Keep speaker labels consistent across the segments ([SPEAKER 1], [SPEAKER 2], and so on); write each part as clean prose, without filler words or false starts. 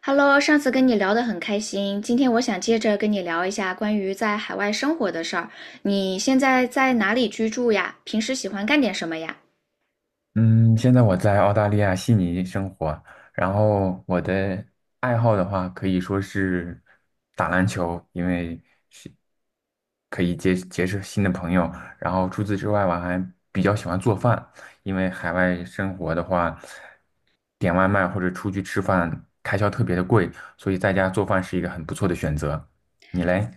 [SPEAKER 1] Hello，上次跟你聊得很开心，今天我想接着跟你聊一下关于在海外生活的事儿。你现在在哪里居住呀？平时喜欢干点什么呀？
[SPEAKER 2] 嗯，现在我在澳大利亚悉尼生活，然后我的爱好的话可以说是打篮球，因为是可以结识新的朋友。然后除此之外，我还比较喜欢做饭，因为海外生活的话，点外卖或者出去吃饭开销特别的贵，所以在家做饭是一个很不错的选择。你嘞？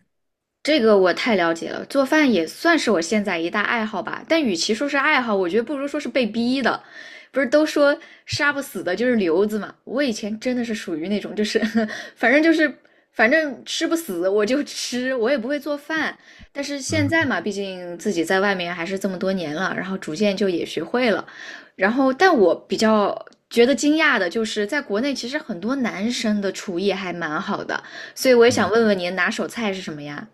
[SPEAKER 1] 这个我太了解了，做饭也算是我现在一大爱好吧。但与其说是爱好，我觉得不如说是被逼的。不是都说杀不死的就是瘤子嘛？我以前真的是属于那种，就是 反正就是反正吃不死我就吃，我也不会做饭。但是现在
[SPEAKER 2] 嗯。
[SPEAKER 1] 嘛，毕竟自己在外面还是这么多年了，然后逐渐就也学会了。然后，但我比较觉得惊讶的就是，在国内其实很多男生的厨艺还蛮好的，所以我也想问问您拿手菜是什么呀？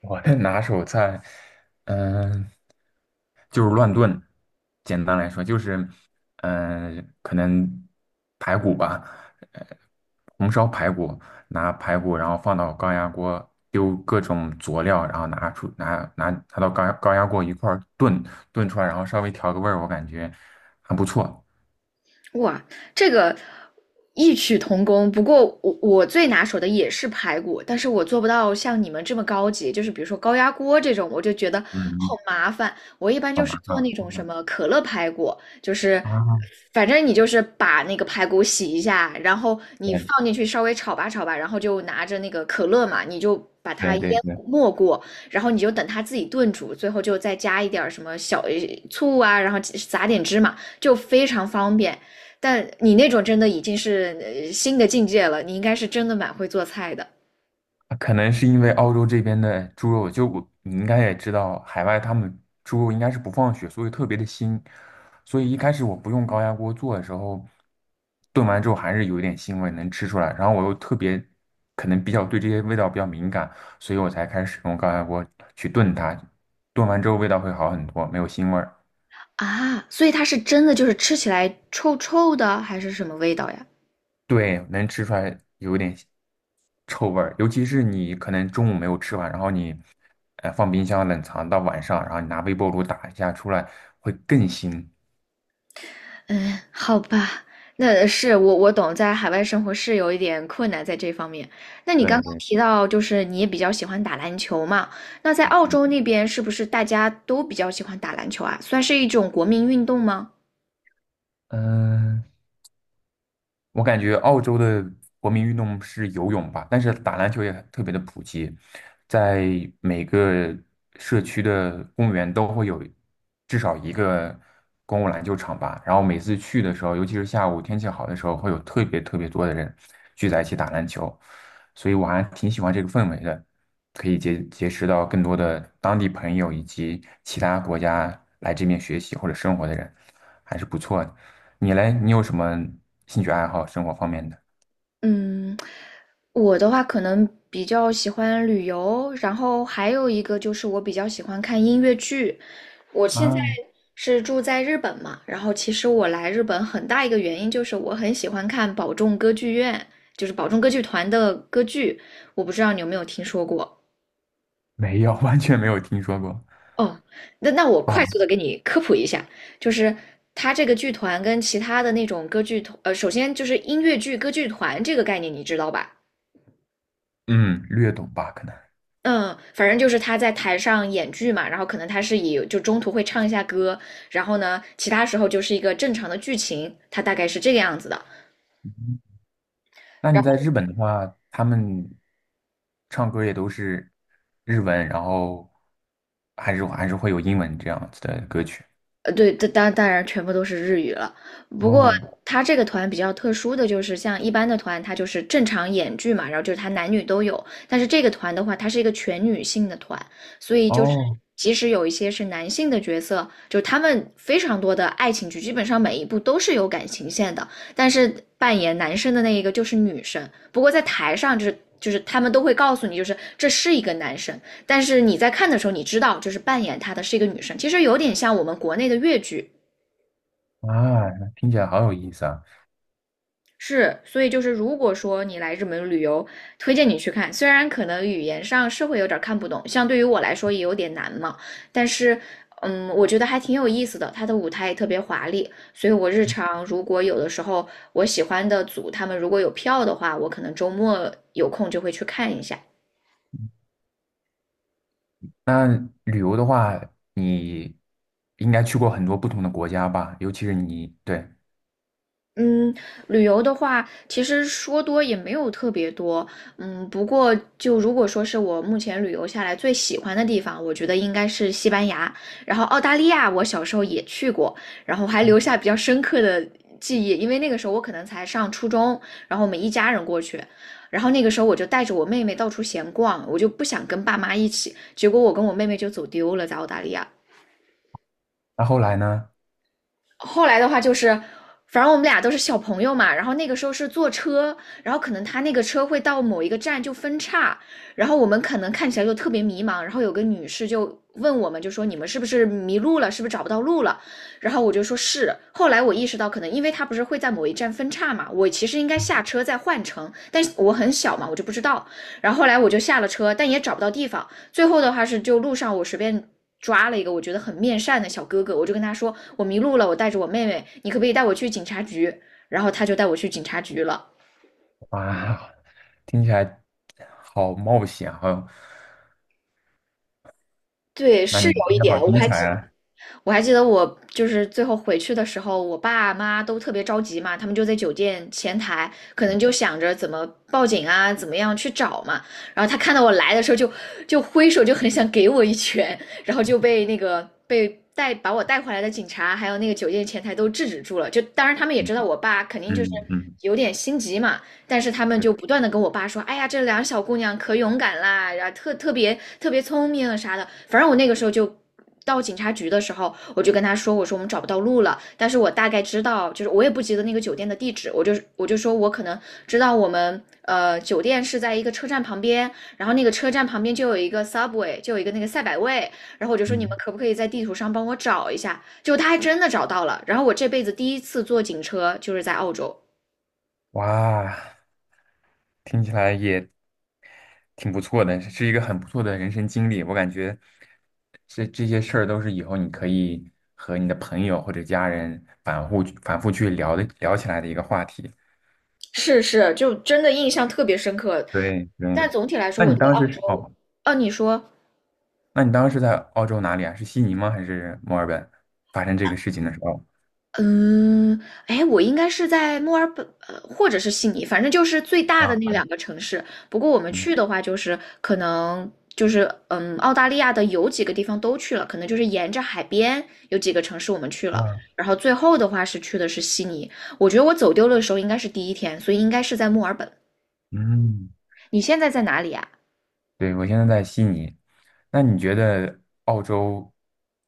[SPEAKER 2] 我的拿手菜，嗯、就是乱炖。简单来说，就是，可能排骨吧，红烧排骨，拿排骨，然后放到高压锅，丢各种佐料，然后拿出拿拿拿到高压锅一块儿炖，炖出来，然后稍微调个味儿，我感觉还不错。
[SPEAKER 1] 哇，这个异曲同工。不过我最拿手的也是排骨，但是我做不到像你们这么高级，就是比如说高压锅这种，我就觉得好
[SPEAKER 2] 嗯，
[SPEAKER 1] 麻烦。我一般
[SPEAKER 2] 好
[SPEAKER 1] 就是
[SPEAKER 2] 麻
[SPEAKER 1] 做那
[SPEAKER 2] 烦
[SPEAKER 1] 种什么可乐排骨，就是
[SPEAKER 2] 啊！
[SPEAKER 1] 反正你就是把那个排骨洗一下，然后你
[SPEAKER 2] 对
[SPEAKER 1] 放进去稍微炒吧炒吧，然后就拿着那个可乐嘛，你就把它
[SPEAKER 2] 对
[SPEAKER 1] 淹
[SPEAKER 2] 对对。
[SPEAKER 1] 没过，然后你就等它自己炖煮，最后就再加一点儿什么小醋啊，然后撒点芝麻，就非常方便。但你那种真的已经是新的境界了，你应该是真的蛮会做菜的
[SPEAKER 2] 可能是因为澳洲这边的猪肉，就我你应该也知道，海外他们猪肉应该是不放血，所以特别的腥。所以一开始我不用高压锅做的时候，炖完之后还是有一点腥味能吃出来。然后我又特别可能比较对这些味道比较敏感，所以我才开始使用高压锅去炖它。炖完之后味道会好很多，没有腥味儿。
[SPEAKER 1] 啊，所以它是真的就是吃起来臭臭的，还是什么味道呀？
[SPEAKER 2] 对，能吃出来有点臭味儿，尤其是你可能中午没有吃完，然后你放冰箱冷藏到晚上，然后你拿微波炉打一下出来，会更腥。
[SPEAKER 1] 嗯，好吧，那是我懂，在海外生活是有一点困难在这方面。那你刚
[SPEAKER 2] 对
[SPEAKER 1] 刚
[SPEAKER 2] 对，
[SPEAKER 1] 提到，就是你也比较喜欢打篮球嘛？那在澳洲那边是不是大家都比较喜欢打篮球啊？算是一种国民运动吗？
[SPEAKER 2] 嗯、我感觉澳洲的国民运动是游泳吧，但是打篮球也特别的普及，在每个社区的公园都会有至少一个公共篮球场吧。然后每次去的时候，尤其是下午天气好的时候，会有特别特别多的人聚在一起打篮球，所以我还挺喜欢这个氛围的，可以结识到更多的当地朋友以及其他国家来这边学习或者生活的人，还是不错的。你嘞，你有什么兴趣爱好，生活方面的？
[SPEAKER 1] 嗯，我的话可能比较喜欢旅游，然后还有一个就是我比较喜欢看音乐剧。我现在
[SPEAKER 2] 啊，
[SPEAKER 1] 是住在日本嘛，然后其实我来日本很大一个原因就是我很喜欢看宝冢歌剧院，就是宝冢歌剧团的歌剧。我不知道你有没有听说过？
[SPEAKER 2] 没有，完全没有听说过。
[SPEAKER 1] 哦，那我快
[SPEAKER 2] 啊，
[SPEAKER 1] 速的给你科普一下，就是它这个剧团跟其他的那种歌剧团，呃，首先就是音乐剧歌剧团这个概念你知道吧？
[SPEAKER 2] 嗯，略懂吧，可能。
[SPEAKER 1] 嗯，反正就是他在台上演剧嘛，然后可能他是以就中途会唱一下歌，然后呢，其他时候就是一个正常的剧情，他大概是这个样子的。
[SPEAKER 2] 那你在日本的话，他们唱歌也都是日文，然后还是会有英文这样子的歌曲。
[SPEAKER 1] 呃，对，当然全部都是日语了。不过
[SPEAKER 2] 哦
[SPEAKER 1] 他这个团比较特殊的就是，像一般的团，他就是正常演剧嘛，然后就是他男女都有。但是这个团的话，它是一个全女性的团，所以就是
[SPEAKER 2] 哦
[SPEAKER 1] 即使有一些是男性的角色，就他们非常多的爱情剧，基本上每一部都是有感情线的，但是扮演男生的那一个就是女生。不过在台上就是。就是他们都会告诉你，就是这是一个男生，但是你在看的时候，你知道就是扮演她的是一个女生，其实有点像我们国内的越剧。
[SPEAKER 2] 啊，那听起来好有意思啊！
[SPEAKER 1] 是，所以就是如果说你来日本旅游，推荐你去看，虽然可能语言上是会有点看不懂，像对于我来说也有点难嘛，但是。嗯，我觉得还挺有意思的，它的舞台也特别华丽，所以我日常如果有的时候我喜欢的组他们如果有票的话，我可能周末有空就会去看一下。
[SPEAKER 2] 那旅游的话，你应该去过很多不同的国家吧？尤其是你，对。
[SPEAKER 1] 嗯，旅游的话，其实说多也没有特别多。嗯，不过就如果说是我目前旅游下来最喜欢的地方，我觉得应该是西班牙。然后澳大利亚，我小时候也去过，然后还留下比较深刻的记忆，因为那个时候我可能才上初中，然后我们一家人过去，然后那个时候我就带着我妹妹到处闲逛，我就不想跟爸妈一起，结果我跟我妹妹就走丢了，在澳大利亚。
[SPEAKER 2] 那后来呢？
[SPEAKER 1] 后来的话就是，反正我们俩都是小朋友嘛，然后那个时候是坐车，然后可能他那个车会到某一个站就分叉，然后我们可能看起来就特别迷茫，然后有个女士就问我们，就说你们是不是迷路了，是不是找不到路了？然后我就说是。后来我意识到，可能因为他不是会在某一站分叉嘛，我其实应该下车再换乘，但是我很小嘛，我就不知道。然后后来我就下了车，但也找不到地方。最后的话是就路上我随便抓了一个我觉得很面善的小哥哥，我就跟他说我迷路了，我带着我妹妹，你可不可以带我去警察局？然后他就带我去警察局了。
[SPEAKER 2] 哇，听起来好冒险，好，
[SPEAKER 1] 对，
[SPEAKER 2] 那
[SPEAKER 1] 是
[SPEAKER 2] 你听
[SPEAKER 1] 有一
[SPEAKER 2] 起来
[SPEAKER 1] 点，
[SPEAKER 2] 好精彩啊！
[SPEAKER 1] 我还记得我就是最后回去的时候，我爸妈都特别着急嘛，他们就在酒店前台，可能就想着怎么报警啊，怎么样去找嘛。然后他看到我来的时候就，就挥手，就很想给我一拳，然后就被把我带回来的警察，还有那个酒店前台都制止住了。就当然他们也
[SPEAKER 2] 嗯
[SPEAKER 1] 知道我爸肯定就是
[SPEAKER 2] 嗯嗯，
[SPEAKER 1] 有点心急嘛，但是他们就不断的跟我爸说，哎呀，这两个小姑娘可勇敢啦，然后特别聪明啊啥的。反正我那个时候就到警察局的时候，我就跟他说，我说我们找不到路了，但是我大概知道，就是我也不记得那个酒店的地址，我就说我可能知道我们酒店是在一个车站旁边，然后那个车站旁边就有一个 Subway，就有一个那个赛百味，然后我就说你们
[SPEAKER 2] 嗯
[SPEAKER 1] 可不可以在地图上帮我找一下？就他还真的找到了，然后我这辈子第一次坐警车就是在澳洲。
[SPEAKER 2] 哇，听起来也挺不错的，是一个很不错的人生经历。我感觉这些事儿都是以后你可以和你的朋友或者家人反复反复去聊的聊起来的一个话题。
[SPEAKER 1] 是是，就真的印象特别深刻。
[SPEAKER 2] 对对，
[SPEAKER 1] 但总体来说，
[SPEAKER 2] 那
[SPEAKER 1] 我
[SPEAKER 2] 你
[SPEAKER 1] 对
[SPEAKER 2] 当
[SPEAKER 1] 澳
[SPEAKER 2] 时是
[SPEAKER 1] 洲，
[SPEAKER 2] 哦，
[SPEAKER 1] 啊，你说，
[SPEAKER 2] 那你当时在澳洲哪里啊？是悉尼吗？还是墨尔本？发生这个事情的时候
[SPEAKER 1] 嗯，哎，我应该是在墨尔本，呃，或者是悉尼，反正就是最大
[SPEAKER 2] 啊，
[SPEAKER 1] 的那两个城市。不过我们去的话，就是可能就是，嗯，澳大利亚的有几个地方都去了，可能就是沿着海边有几个城市我们去了。
[SPEAKER 2] 啊，
[SPEAKER 1] 然后最后的话是去的是悉尼。我觉得我走丢了的时候应该是第一天，所以应该是在墨尔本。
[SPEAKER 2] 嗯，
[SPEAKER 1] 你现在在哪里啊？
[SPEAKER 2] 对，我现在在悉尼。那你觉得澳洲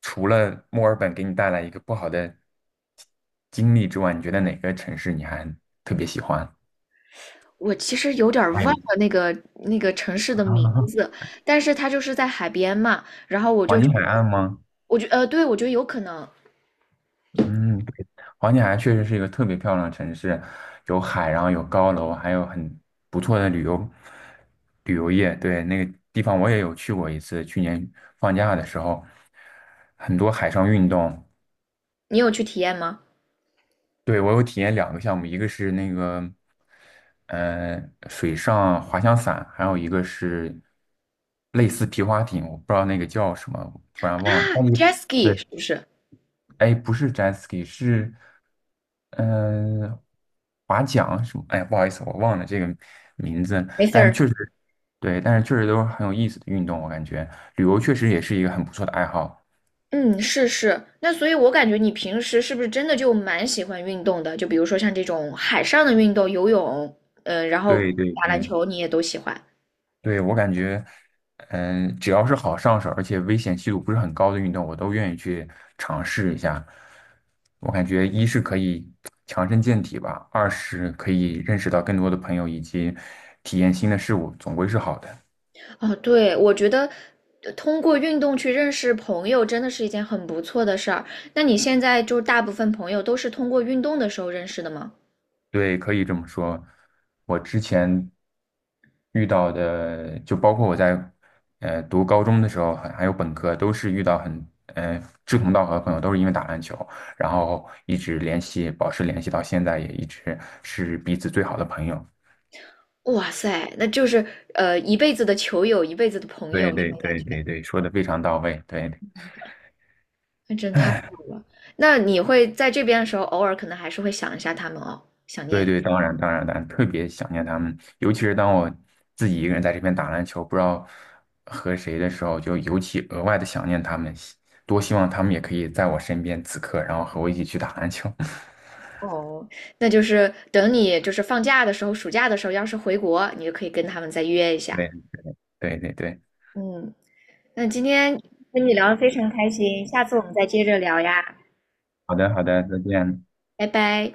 [SPEAKER 2] 除了墨尔本给你带来一个不好的经历之外，你觉得哪个城市你还特别喜欢？
[SPEAKER 1] 我其实有点儿忘
[SPEAKER 2] 还有一
[SPEAKER 1] 了那个那个城市的
[SPEAKER 2] 啊，
[SPEAKER 1] 名字，但是它就是在海边嘛。然后我
[SPEAKER 2] 黄
[SPEAKER 1] 就
[SPEAKER 2] 金
[SPEAKER 1] 觉
[SPEAKER 2] 海
[SPEAKER 1] 得，
[SPEAKER 2] 岸吗？
[SPEAKER 1] 对，我觉得有可能
[SPEAKER 2] 嗯，对，黄金海岸确实是一个特别漂亮的城市，有海，然后有高楼，还有很不错的旅游业。对，那个地方我也有去过一次，去年放假的时候，很多海上运动。
[SPEAKER 1] 你有去体验吗？
[SPEAKER 2] 对，我有体验两个项目，一个是那个，呃，水上滑翔伞，还有一个是类似皮划艇，我不知道那个叫什么，我突然忘了。
[SPEAKER 1] 啊
[SPEAKER 2] 那你
[SPEAKER 1] ，jet
[SPEAKER 2] 对，
[SPEAKER 1] ski 是不是？
[SPEAKER 2] 哎，不是 jet ski，是嗯、呃划桨什么？哎，不好意思，我忘了这个名字，
[SPEAKER 1] 没事
[SPEAKER 2] 但
[SPEAKER 1] 儿。
[SPEAKER 2] 确实对，但是确实都是很有意思的运动，我感觉旅游确实也是一个很不错的爱好。
[SPEAKER 1] 嗯，是是。那所以，我感觉你平时是不是真的就蛮喜欢运动的？就比如说像这种海上的运动，游泳，然后
[SPEAKER 2] 对对
[SPEAKER 1] 打篮
[SPEAKER 2] 对。
[SPEAKER 1] 球，你也都喜欢。
[SPEAKER 2] 对，我感觉，只要是好上手，而且危险系数不是很高的运动，我都愿意去尝试一下。我感觉一是可以强身健体吧，二是可以认识到更多的朋友以及体验新的事物，总归是好的。
[SPEAKER 1] 哦，对，我觉得通过运动去认识朋友真的是一件很不错的事儿。那你现在就是大部分朋友都是通过运动的时候认识的吗？
[SPEAKER 2] 对，可以这么说。我之前遇到的，就包括我在读高中的时候，还有本科，都是遇到很志同道合的朋友，都是因为打篮球，然后一直联系，保持联系到现在，也一直是彼此最好的朋友。
[SPEAKER 1] 哇塞，那就是一辈子的球友，一辈子的朋友
[SPEAKER 2] 对
[SPEAKER 1] 这
[SPEAKER 2] 对
[SPEAKER 1] 种感
[SPEAKER 2] 对
[SPEAKER 1] 觉，
[SPEAKER 2] 对对，说的非常到位。对。
[SPEAKER 1] 那真太好了。那你会在这边的时候，偶尔可能还是会想一下他们哦，想
[SPEAKER 2] 对
[SPEAKER 1] 念
[SPEAKER 2] 对，当然当然当然，特别想念他们，尤其是当我自己一个人在这边打篮球，不知道和谁的时候，就尤其额外的想念他们，多希望他们也可以在我身边此刻，然后和我一起去打篮球。
[SPEAKER 1] 哦。那就是等你就是放假的时候，暑假的时候，要是回国，你就可以跟他们再约一下。
[SPEAKER 2] 对对对对，
[SPEAKER 1] 嗯，那今天跟你聊得非常开心，下次我们再接着聊呀。
[SPEAKER 2] 好的好的，再见。
[SPEAKER 1] 拜拜